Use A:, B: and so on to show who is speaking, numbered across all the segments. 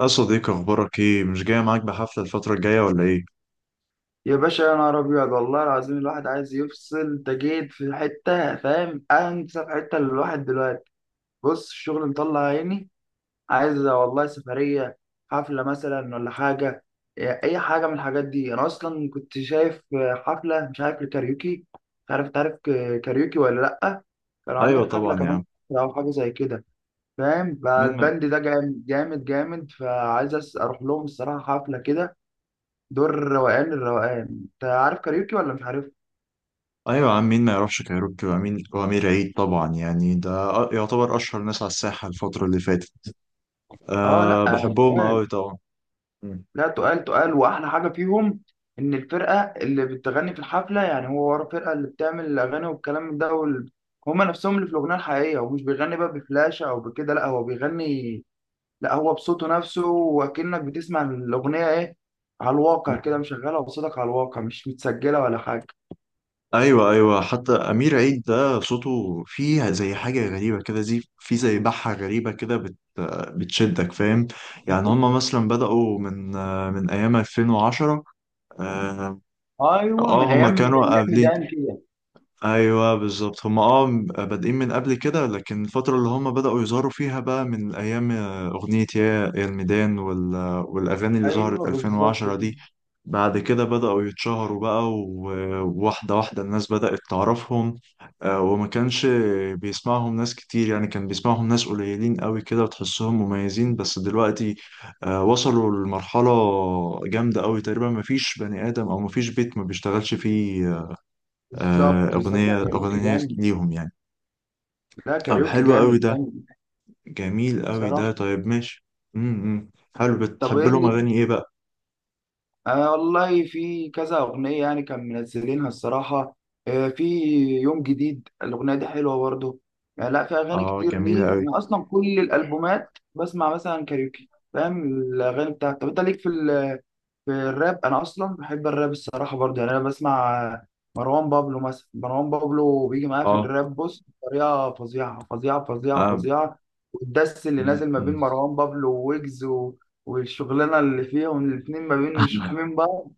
A: يا صديقي، اخبارك ايه؟ مش جاي معاك بحفله الفتره الجايه ولا ايه؟
B: يا باشا، يا نهار ابيض والله العظيم الواحد عايز يفصل. انت جيت في حته فاهم؟ انسب حته للواحد دلوقتي. بص الشغل مطلع عيني. عايز والله سفريه، حفله مثلا ولا حاجه. اي حاجه من الحاجات دي انا اصلا كنت شايف. حفله، مش عارف الكاريوكي، مش عارف تعرف كاريوكي ولا لا. كانوا
A: ايوه
B: عاملين حفله
A: طبعا يا
B: كمان
A: عم.
B: او حاجه زي كده، فاهم؟
A: مين ما...
B: فالبند ده جامد جامد جامد، فعايز اروح لهم الصراحه حفله كده. دور الروقان الروقان، انت عارف كاريوكي ولا مش عارف؟
A: ايوه يا عم، مين ما يعرفش كايروكي وامين وامير عيد؟ طبعا يعني ده يعتبر اشهر ناس على الساحه الفتره اللي فاتت.
B: اه
A: أه، بحبهم
B: تقال
A: قوي طبعا. مم.
B: لا تقال تقال، واحلى حاجه فيهم ان الفرقه اللي بتغني في الحفله، يعني هو ورا الفرقه اللي بتعمل الاغاني والكلام من ده وال... هما نفسهم اللي في الاغنيه الحقيقيه، ومش بيغني بقى بفلاشه او بكده، لا هو بيغني، لا هو بصوته نفسه، وكأنك بتسمع الاغنيه ايه، على الواقع كده، مشغلها بصوتك على الواقع، مش متسجله ولا حاجه.
A: ايوه، ايوه، حتى امير عيد ده صوته فيه زي حاجه غريبه كده، زي بحه غريبه كده، بتشدك، فاهم؟ يعني هم مثلا بدأوا من ايام 2010. اه.
B: ايوه، من
A: هم
B: ايام من
A: كانوا
B: ايام
A: قابلين.
B: ميدان كده.
A: ايوه بالظبط، هم اه بادئين من قبل كده، لكن الفتره اللي هم بداوا يظهروا فيها بقى من ايام اغنيه يا الميدان والاغاني اللي ظهرت
B: ايوه بالظبط
A: 2010
B: كده.
A: دي. بعد كده بداوا يتشهروا بقى و- وواحده واحده الناس بدات تعرفهم. وما كانش بيسمعهم ناس كتير، يعني كان بيسمعهم ناس قليلين قوي كده وتحسهم مميزين، بس دلوقتي وصلوا لمرحله جامده قوي، تقريبا ما فيش بني ادم او ما فيش بيت ما بيشتغلش فيه
B: بالظبط بالظبط. لا
A: أغنية
B: كاريوكي
A: أغنية
B: جامد.
A: ليهم يعني.
B: لا
A: طب
B: كاريوكي
A: حلو قوي
B: جامد
A: ده،
B: جامد
A: جميل قوي ده،
B: بصراحة.
A: طيب ماشي. حلو،
B: طب
A: بتحب
B: ايه
A: لهم
B: ليك؟
A: أغاني إيه بقى؟
B: آه والله في كذا أغنية يعني كان منزلينها الصراحة. آه في يوم جديد، الأغنية دي حلوة برضه. يعني لا في أغاني
A: آه،
B: كتير
A: جميلة
B: ليه،
A: قوي.
B: أنا أصلا كل الألبومات بسمع مثلا كاريوكي، فاهم الأغاني بتاعتي. طب أنت ليك في في الراب؟ انا اصلا بحب الراب الصراحه برضه، يعني انا بسمع مروان بابلو مثلا. مروان بابلو بيجي معاه في
A: آه،
B: الراب، بص بطريقه فظيعه فظيعه فظيعه
A: آه.
B: فظيعه. والدس اللي
A: مم،
B: نازل ما بين
A: مم.
B: مروان بابلو وويجز و... والشغلانه اللي فيهم الاتنين، ما بين مش فاهمين بعض.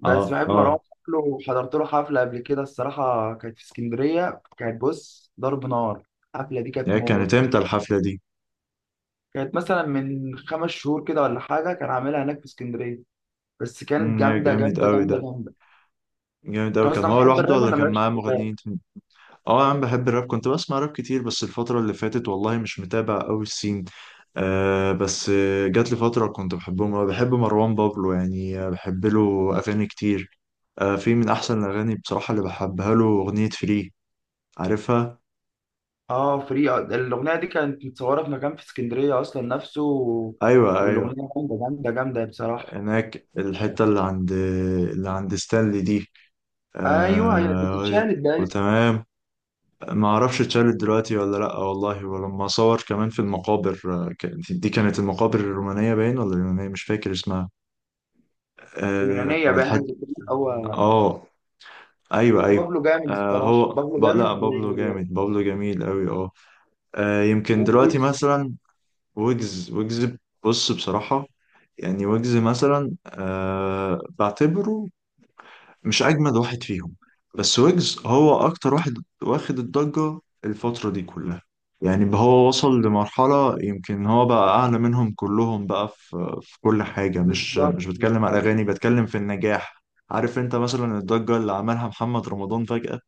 B: بس
A: آه،
B: بحب
A: آه.
B: مروان بابلو، وحضرت له حفله قبل كده الصراحه، كانت في اسكندريه، كانت بص ضرب نار. الحفله دي كانت
A: هي كانت
B: موت.
A: إمتى الحفلة دي؟
B: كانت مثلا من خمس شهور كده ولا حاجه، كان عاملها هناك في اسكندريه، بس كانت
A: يا
B: جامده
A: جامد
B: جامده
A: قوي ده.
B: جامده جامده.
A: جامد قوي،
B: انت
A: كان
B: اصلا
A: هو
B: بتحب
A: لوحده
B: الراب
A: ولا
B: ولا
A: كان
B: مالكش
A: معاه
B: في الراب؟
A: مغنيين تاني؟ آه، أنا بحب الراب، كنت بسمع راب كتير، بس الفترة اللي فاتت والله مش متابع قوي السين. آه بس جات لي فترة كنت بحبهم أوي. بحب مروان بابلو يعني، بحب له أغاني كتير. في من احسن الاغاني بصراحه اللي بحبها له اغنيه فري، عارفها؟
B: اه فري. الاغنيه دي كانت متصوره في مكان في اسكندريه اصلا نفسه و...
A: ايوه، ايوه،
B: والاغنيه جامده جامده جامده بصراحه.
A: هناك الحته اللي عند ستانلي دي.
B: ايوه هي
A: آه.
B: بتتشال الدقايق.
A: وتمام. ما اعرفش اتشالت دلوقتي ولا لا والله. ولما صور كمان في المقابر دي كانت المقابر الرومانيه باين ولا اليونانيه، مش فاكر اسمها. آه،
B: يونانيه باين حاجه
A: الحته.
B: زي كده هو.
A: اه. ايوه، ايوه.
B: بابلو جامد
A: آه
B: الصراحه، بابلو
A: لا
B: جامد و...
A: بابلو جامد، بابلو جميل قوي، اه. يمكن دلوقتي
B: وويجز.
A: مثلا ويجز. ويجز، بص بصراحة، يعني ويجز مثلا بعتبره مش أجمد واحد فيهم، بس ويجز هو أكتر واحد واخد الضجة الفترة دي كلها. يعني بقى هو وصل لمرحلة يمكن هو بقى أعلى منهم كلهم بقى في كل حاجة، مش
B: بالظبط
A: بتكلم على
B: بالظبط.
A: الأغاني، بتكلم في النجاح. عارف أنت مثلا الضجة اللي عملها محمد رمضان فجأة؟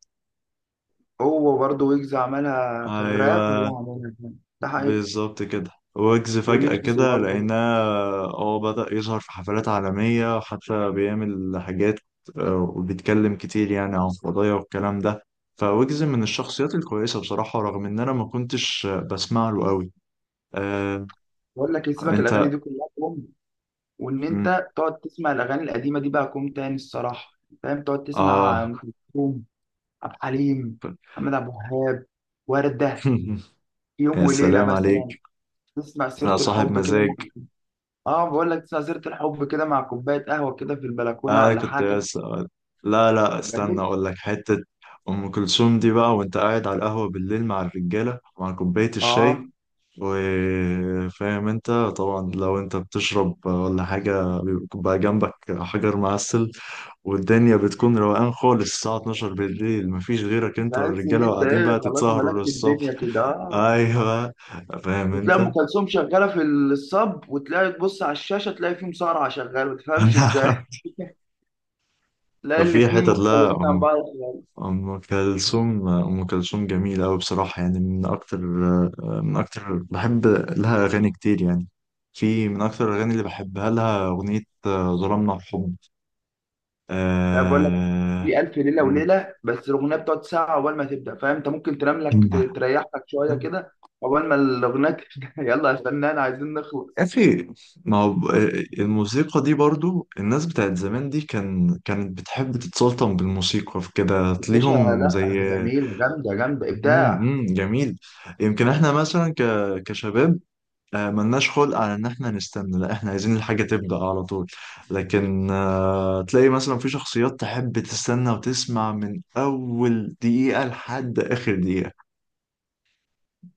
B: هو برضه ويجز عملها في الراب،
A: أيوه
B: هو عملها في ده حقيقي.
A: بالظبط كده، ويجز فجأة
B: وليجسي
A: كده
B: برضه.
A: لقيناه، اه بدأ يظهر في حفلات عالمية وحتى بيعمل حاجات، وبيتكلم كتير يعني عن قضايا والكلام ده. فويجز من الشخصيات الكويسة بصراحة، رغم إن أنا ما كنتش بسمع له قوي. آه.
B: بقول لك سيبك الاغاني
A: أنت.
B: دي كلها، وان
A: مم،
B: انت تقعد تسمع الاغاني القديمه دي بقى كوم تاني الصراحه، فاهم؟ تقعد تسمع
A: آه.
B: ام كلثوم، عبد الحليم، محمد عبد الوهاب، ورده. يوم
A: يا
B: وليله
A: سلام
B: مثلا،
A: عليك.
B: تسمع سيره
A: أنا صاحب
B: الحب كده
A: مزاج.
B: مع... اه بقول لك، تسمع سيره الحب كده مع كوبايه قهوه كده في البلكونه
A: آه،
B: ولا
A: كنت
B: حاجه.
A: بس. لا، لا، استنى
B: جميل.
A: أقول لك حتة. أم كلثوم دي بقى، وأنت قاعد على القهوة بالليل مع الرجالة، مع كوباية
B: اه،
A: الشاي، وفاهم انت طبعا لو انت بتشرب ولا حاجة، بيبقى جنبك حجر معسل، والدنيا بتكون روقان خالص الساعة 12 بالليل، مفيش غيرك انت
B: تحس ان
A: والرجالة،
B: انت
A: وقاعدين
B: ايه،
A: بقى
B: خلاص
A: تتسهروا
B: ملكت الدنيا
A: للصبح.
B: كده، اه.
A: ايوه، فاهم
B: وتلاقي ام
A: انت.
B: كلثوم شغاله في الصب، وتلاقي تبص على الشاشه تلاقي في مصارعه شغاله، ما تفهمش ازاي. تلاقي
A: ففي
B: الاتنين
A: حتت، لا،
B: مختلفين عن
A: أم
B: بعض.
A: أم كلثوم. أم كلثوم جميلة أوي بصراحة، يعني من أكتر بحب لها أغاني كتير يعني. في من أكتر الأغاني اللي بحبها لها أغنية ظلمنا الحب.
B: لا بقول لك،
A: آه...
B: في ألف ليلة
A: مم.
B: وليلة بس الأغنية بتقعد ساعة عقبال ما تبدأ، فاهم أنت؟ ممكن تنام لك، تريح لك شوية كده عقبال ما الأغنية تبدأ. يلا يا فنان عايزين
A: يا
B: نخلص.
A: أخي، ما هو ب- الموسيقى دي برضو، الناس بتاعت زمان دي كانت بتحب تتسلطن بالموسيقى في كده
B: يا باشا،
A: تليهم
B: لا
A: زي.
B: ده جميل، جامدة جامدة إبداع.
A: جميل. يمكن احنا مثلا كشباب، ملناش خلق على ان احنا نستنى، لا احنا عايزين الحاجة تبدأ على طول، لكن تلاقي مثلا في شخصيات تحب تستنى وتسمع من اول دقيقة لحد اخر دقيقة.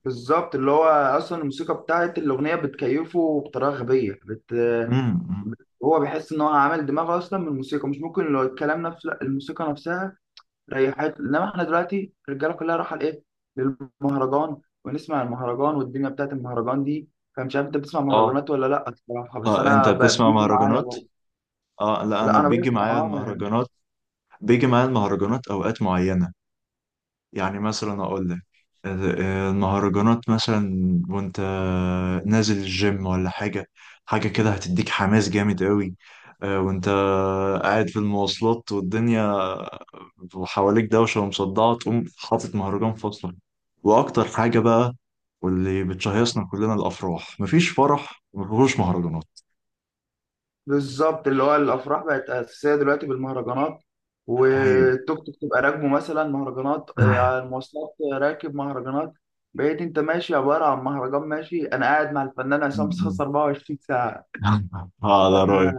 B: بالظبط، اللي هو أصلا الموسيقى بتاعت الأغنية بتكيفه بطريقة غبية بت...
A: امم.
B: هو بيحس إن هو عامل دماغه أصلا من الموسيقى، مش ممكن لو الكلام نفسه، لا الموسيقى نفسها ريحت. انما احنا دلوقتي الرجاله كلها رايحه لايه؟ للمهرجان. ونسمع المهرجان والدنيا بتاعت المهرجان دي. فمش عارف انت بتسمع
A: اه،
B: مهرجانات ولا لا الصراحه، بس
A: اه، انت
B: انا
A: بتسمع
B: بيجي معايا
A: مهرجانات؟
B: برضه.
A: اه، لا، انا
B: لا انا
A: بيجي
B: بسمع
A: معايا
B: اه يعني.
A: المهرجانات، بيجي معايا المهرجانات اوقات معينة. يعني مثلا اقول لك المهرجانات مثلا، وانت نازل الجيم ولا حاجة، حاجة كده هتديك حماس جامد قوي. وانت قاعد في المواصلات والدنيا وحواليك دوشة ومصدعة، تقوم حاطط مهرجان فصل. واكتر حاجة بقى واللي بتشهيصنا كلنا الافراح، مفيش فرح مفيهوش مهرجانات.
B: بالظبط، اللي هو الافراح بقت اساسيه دلوقتي بالمهرجانات،
A: ايوه.
B: والتوك توك تبقى راكبه مثلا مهرجانات، على المواصلات راكب مهرجانات. بقيت انت ماشي عباره عن مهرجان ماشي، انا قاعد مع الفنان عصام صاصا 24 ساعه.
A: اه ده رأيي.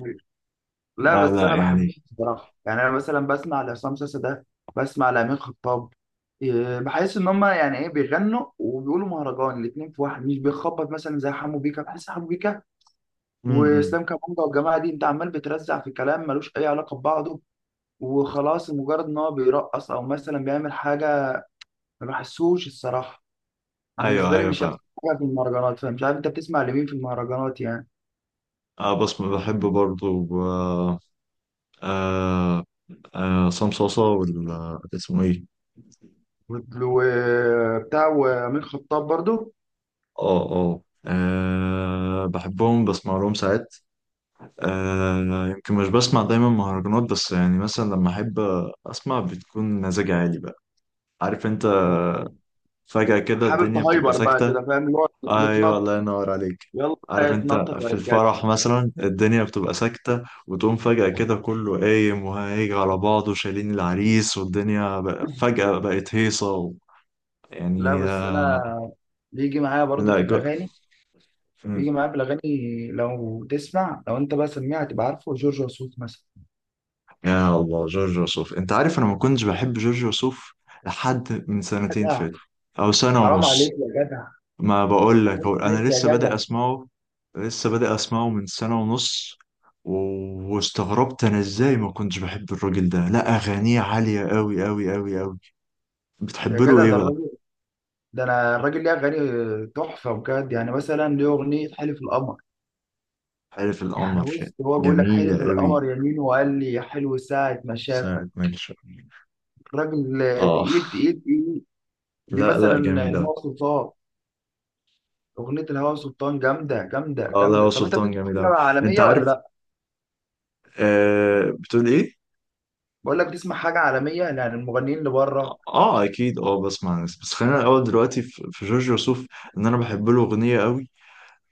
B: لا
A: لا،
B: بس
A: لا،
B: انا
A: يعني.
B: بحبهم بصراحه، يعني انا مثلا بسمع لعصام ساسا ده، بسمع لامين خطاب. بحس ان هم يعني ايه بيغنوا وبيقولوا مهرجان الاثنين في واحد، مش بيخبط مثلا زي حمو بيكا. بحس حمو بيكا
A: امم.
B: واسلام كابونجا والجماعه دي، انت عمال بترزع في كلام ملوش اي علاقه ببعضه، وخلاص مجرد ان هو بيرقص او مثلا بيعمل حاجه، ما بحسوش الصراحه.
A: ايوه،
B: بالنسبه لي
A: ايوه،
B: مش
A: فاهم.
B: احسن حاجه في المهرجانات. فمش عارف انت بتسمع لمين في المهرجانات يعني،
A: اه بس بحب برضو، آه. آه، آه، عصام صاصا ولا اسمه ايه؟
B: وبتاع وامين خطاب برضو.
A: اه، اه، بحبهم، بسمع لهم ساعات. يمكن مش بسمع دايما مهرجانات، بس يعني مثلا لما احب اسمع بتكون مزاجي عالي بقى، عارف انت؟ فجأة كده
B: حابب
A: الدنيا بتبقى
B: تهايبر بقى
A: ساكتة.
B: كده فاهم، اللي هو
A: ايوه،
B: بتنطط.
A: الله ينور عليك.
B: يلا
A: عارف انت،
B: اتنطط يا
A: في
B: رجاله.
A: الفرح مثلا الدنيا بتبقى ساكتة، وتقوم فجأة كده كله قايم وهيجي على بعضه شايلين العريس، والدنيا فجأة بقت هيصة
B: لا
A: يعني
B: بس انا بيجي معايا برضو
A: لا
B: في الاغاني،
A: مم.
B: بيجي معايا في الاغاني. لو تسمع، لو انت بقى سميع هتبقى عارفه جورج وسوف مثلا.
A: يا الله، جورج وسوف. انت عارف انا ما كنتش بحب جورج وسوف لحد من سنتين
B: جدع
A: فاتوا او سنة
B: حرام عليك
A: ونص.
B: يا جدع،
A: ما بقول لك،
B: حرام
A: هو
B: عليك
A: انا
B: يا
A: لسه بادئ
B: جدع.
A: اسمعه، لسه بادئ اسمعه من سنة ونص. و- واستغربت انا ازاي ما كنتش بحب الراجل ده، لا اغانيه عالية قوي قوي قوي قوي.
B: يا
A: بتحب له
B: جدع
A: ايه
B: ده
A: بقى؟
B: الراجل، ده انا الراجل ليه اغاني تحفه بجد، يعني مثلا ليه اغنيه حلف القمر.
A: حلف
B: يعني
A: القمر.
B: بص هو بيقول لك حلف
A: جميلة قوي.
B: القمر يمين، وقال لي يا حلو ساعه ما شافك.
A: ساعة ما يشاء.
B: الراجل
A: اه.
B: تقيل تقيل تقيل. دي
A: لا،
B: مثلا
A: لا، جميلة.
B: الهوى سلطان، اغنيه الهوى سلطان جامده جامده
A: اه، لا
B: جامده.
A: هو
B: طب انت
A: سلطان
B: بتسمع
A: جميل
B: حاجه
A: أوي. انت
B: عالميه ولا
A: عارف.
B: لا؟
A: آه، بتقول ايه؟
B: بقول لك بتسمع حاجه عالميه، يعني المغنيين اللي بره.
A: اه اكيد، بسمع ناس، بس خلينا الاول دلوقتي في جورج وسوف، ان انا بحب له اغنية قوي.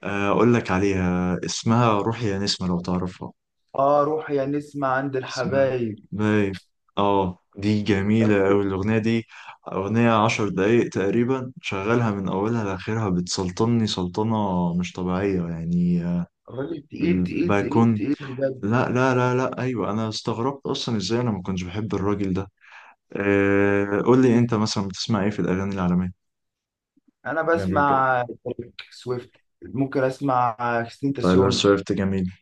A: اقول لك عليها، اسمها روحي يا نسمة، لو تعرفها.
B: اه روح يا نسمع عند
A: اسمها
B: الحبايب.
A: باي. اه دي جميلة أوي الأغنية دي، أغنية عشر دقايق تقريبا، شغالها من أولها لآخرها، بتسلطني سلطنة مش طبيعية يعني.
B: الراجل تقيل تقيل تقيل
A: الباكون.
B: تقيل بجد.
A: لا، لا، لا، لا، أيوة أنا استغربت أصلا إزاي أنا ما كنتش بحب الراجل ده. أه، قول لي أنت مثلا بتسمع إيه في الأغاني العالمية؟
B: انا
A: أجنبي وكده.
B: بسمع تريك سويفت، ممكن اسمع كريستين
A: تايلر
B: تاسيون.
A: سويفت جميل.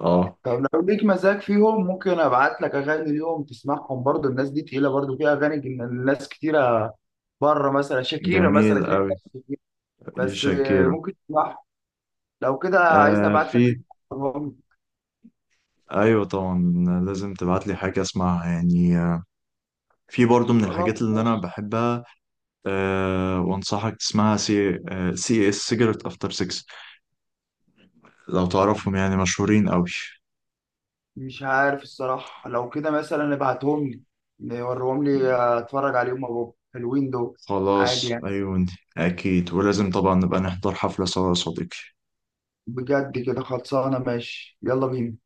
A: اه،
B: طب لو ليك مزاج فيهم ممكن ابعت لك اغاني ليهم تسمعهم برضو، الناس دي تقيله برضو في اغاني، الناس كتيره بره، مثلا شاكيرا مثلا
A: جميل
B: كده.
A: أوي. إيه،
B: بس
A: شاكيرا.
B: ممكن تسمعها لو كده، عايزني
A: أه،
B: ابعت لك
A: في.
B: لينك؟ وريهم لي.
A: أيوة طبعا، لازم تبعت لي حاجة أسمعها يعني. في برضه من
B: خلاص
A: الحاجات اللي انا
B: ماشي.
A: بحبها، أه، وانصحك تسمعها، سي اس سيجرت افتر 6، لو تعرفهم، يعني مشهورين قوي.
B: مش عارف الصراحة، لو كده مثلا ابعتهم لي وريهم لي، اتفرج عليهم مع بابا، حلوين دول عادي
A: خلاص
B: يعني.
A: ايوه. اكيد، ولازم طبعا نبقى نحضر حفلة سوا يا صديقي.
B: بجد كده خلصانة ماشي. يلا بينا.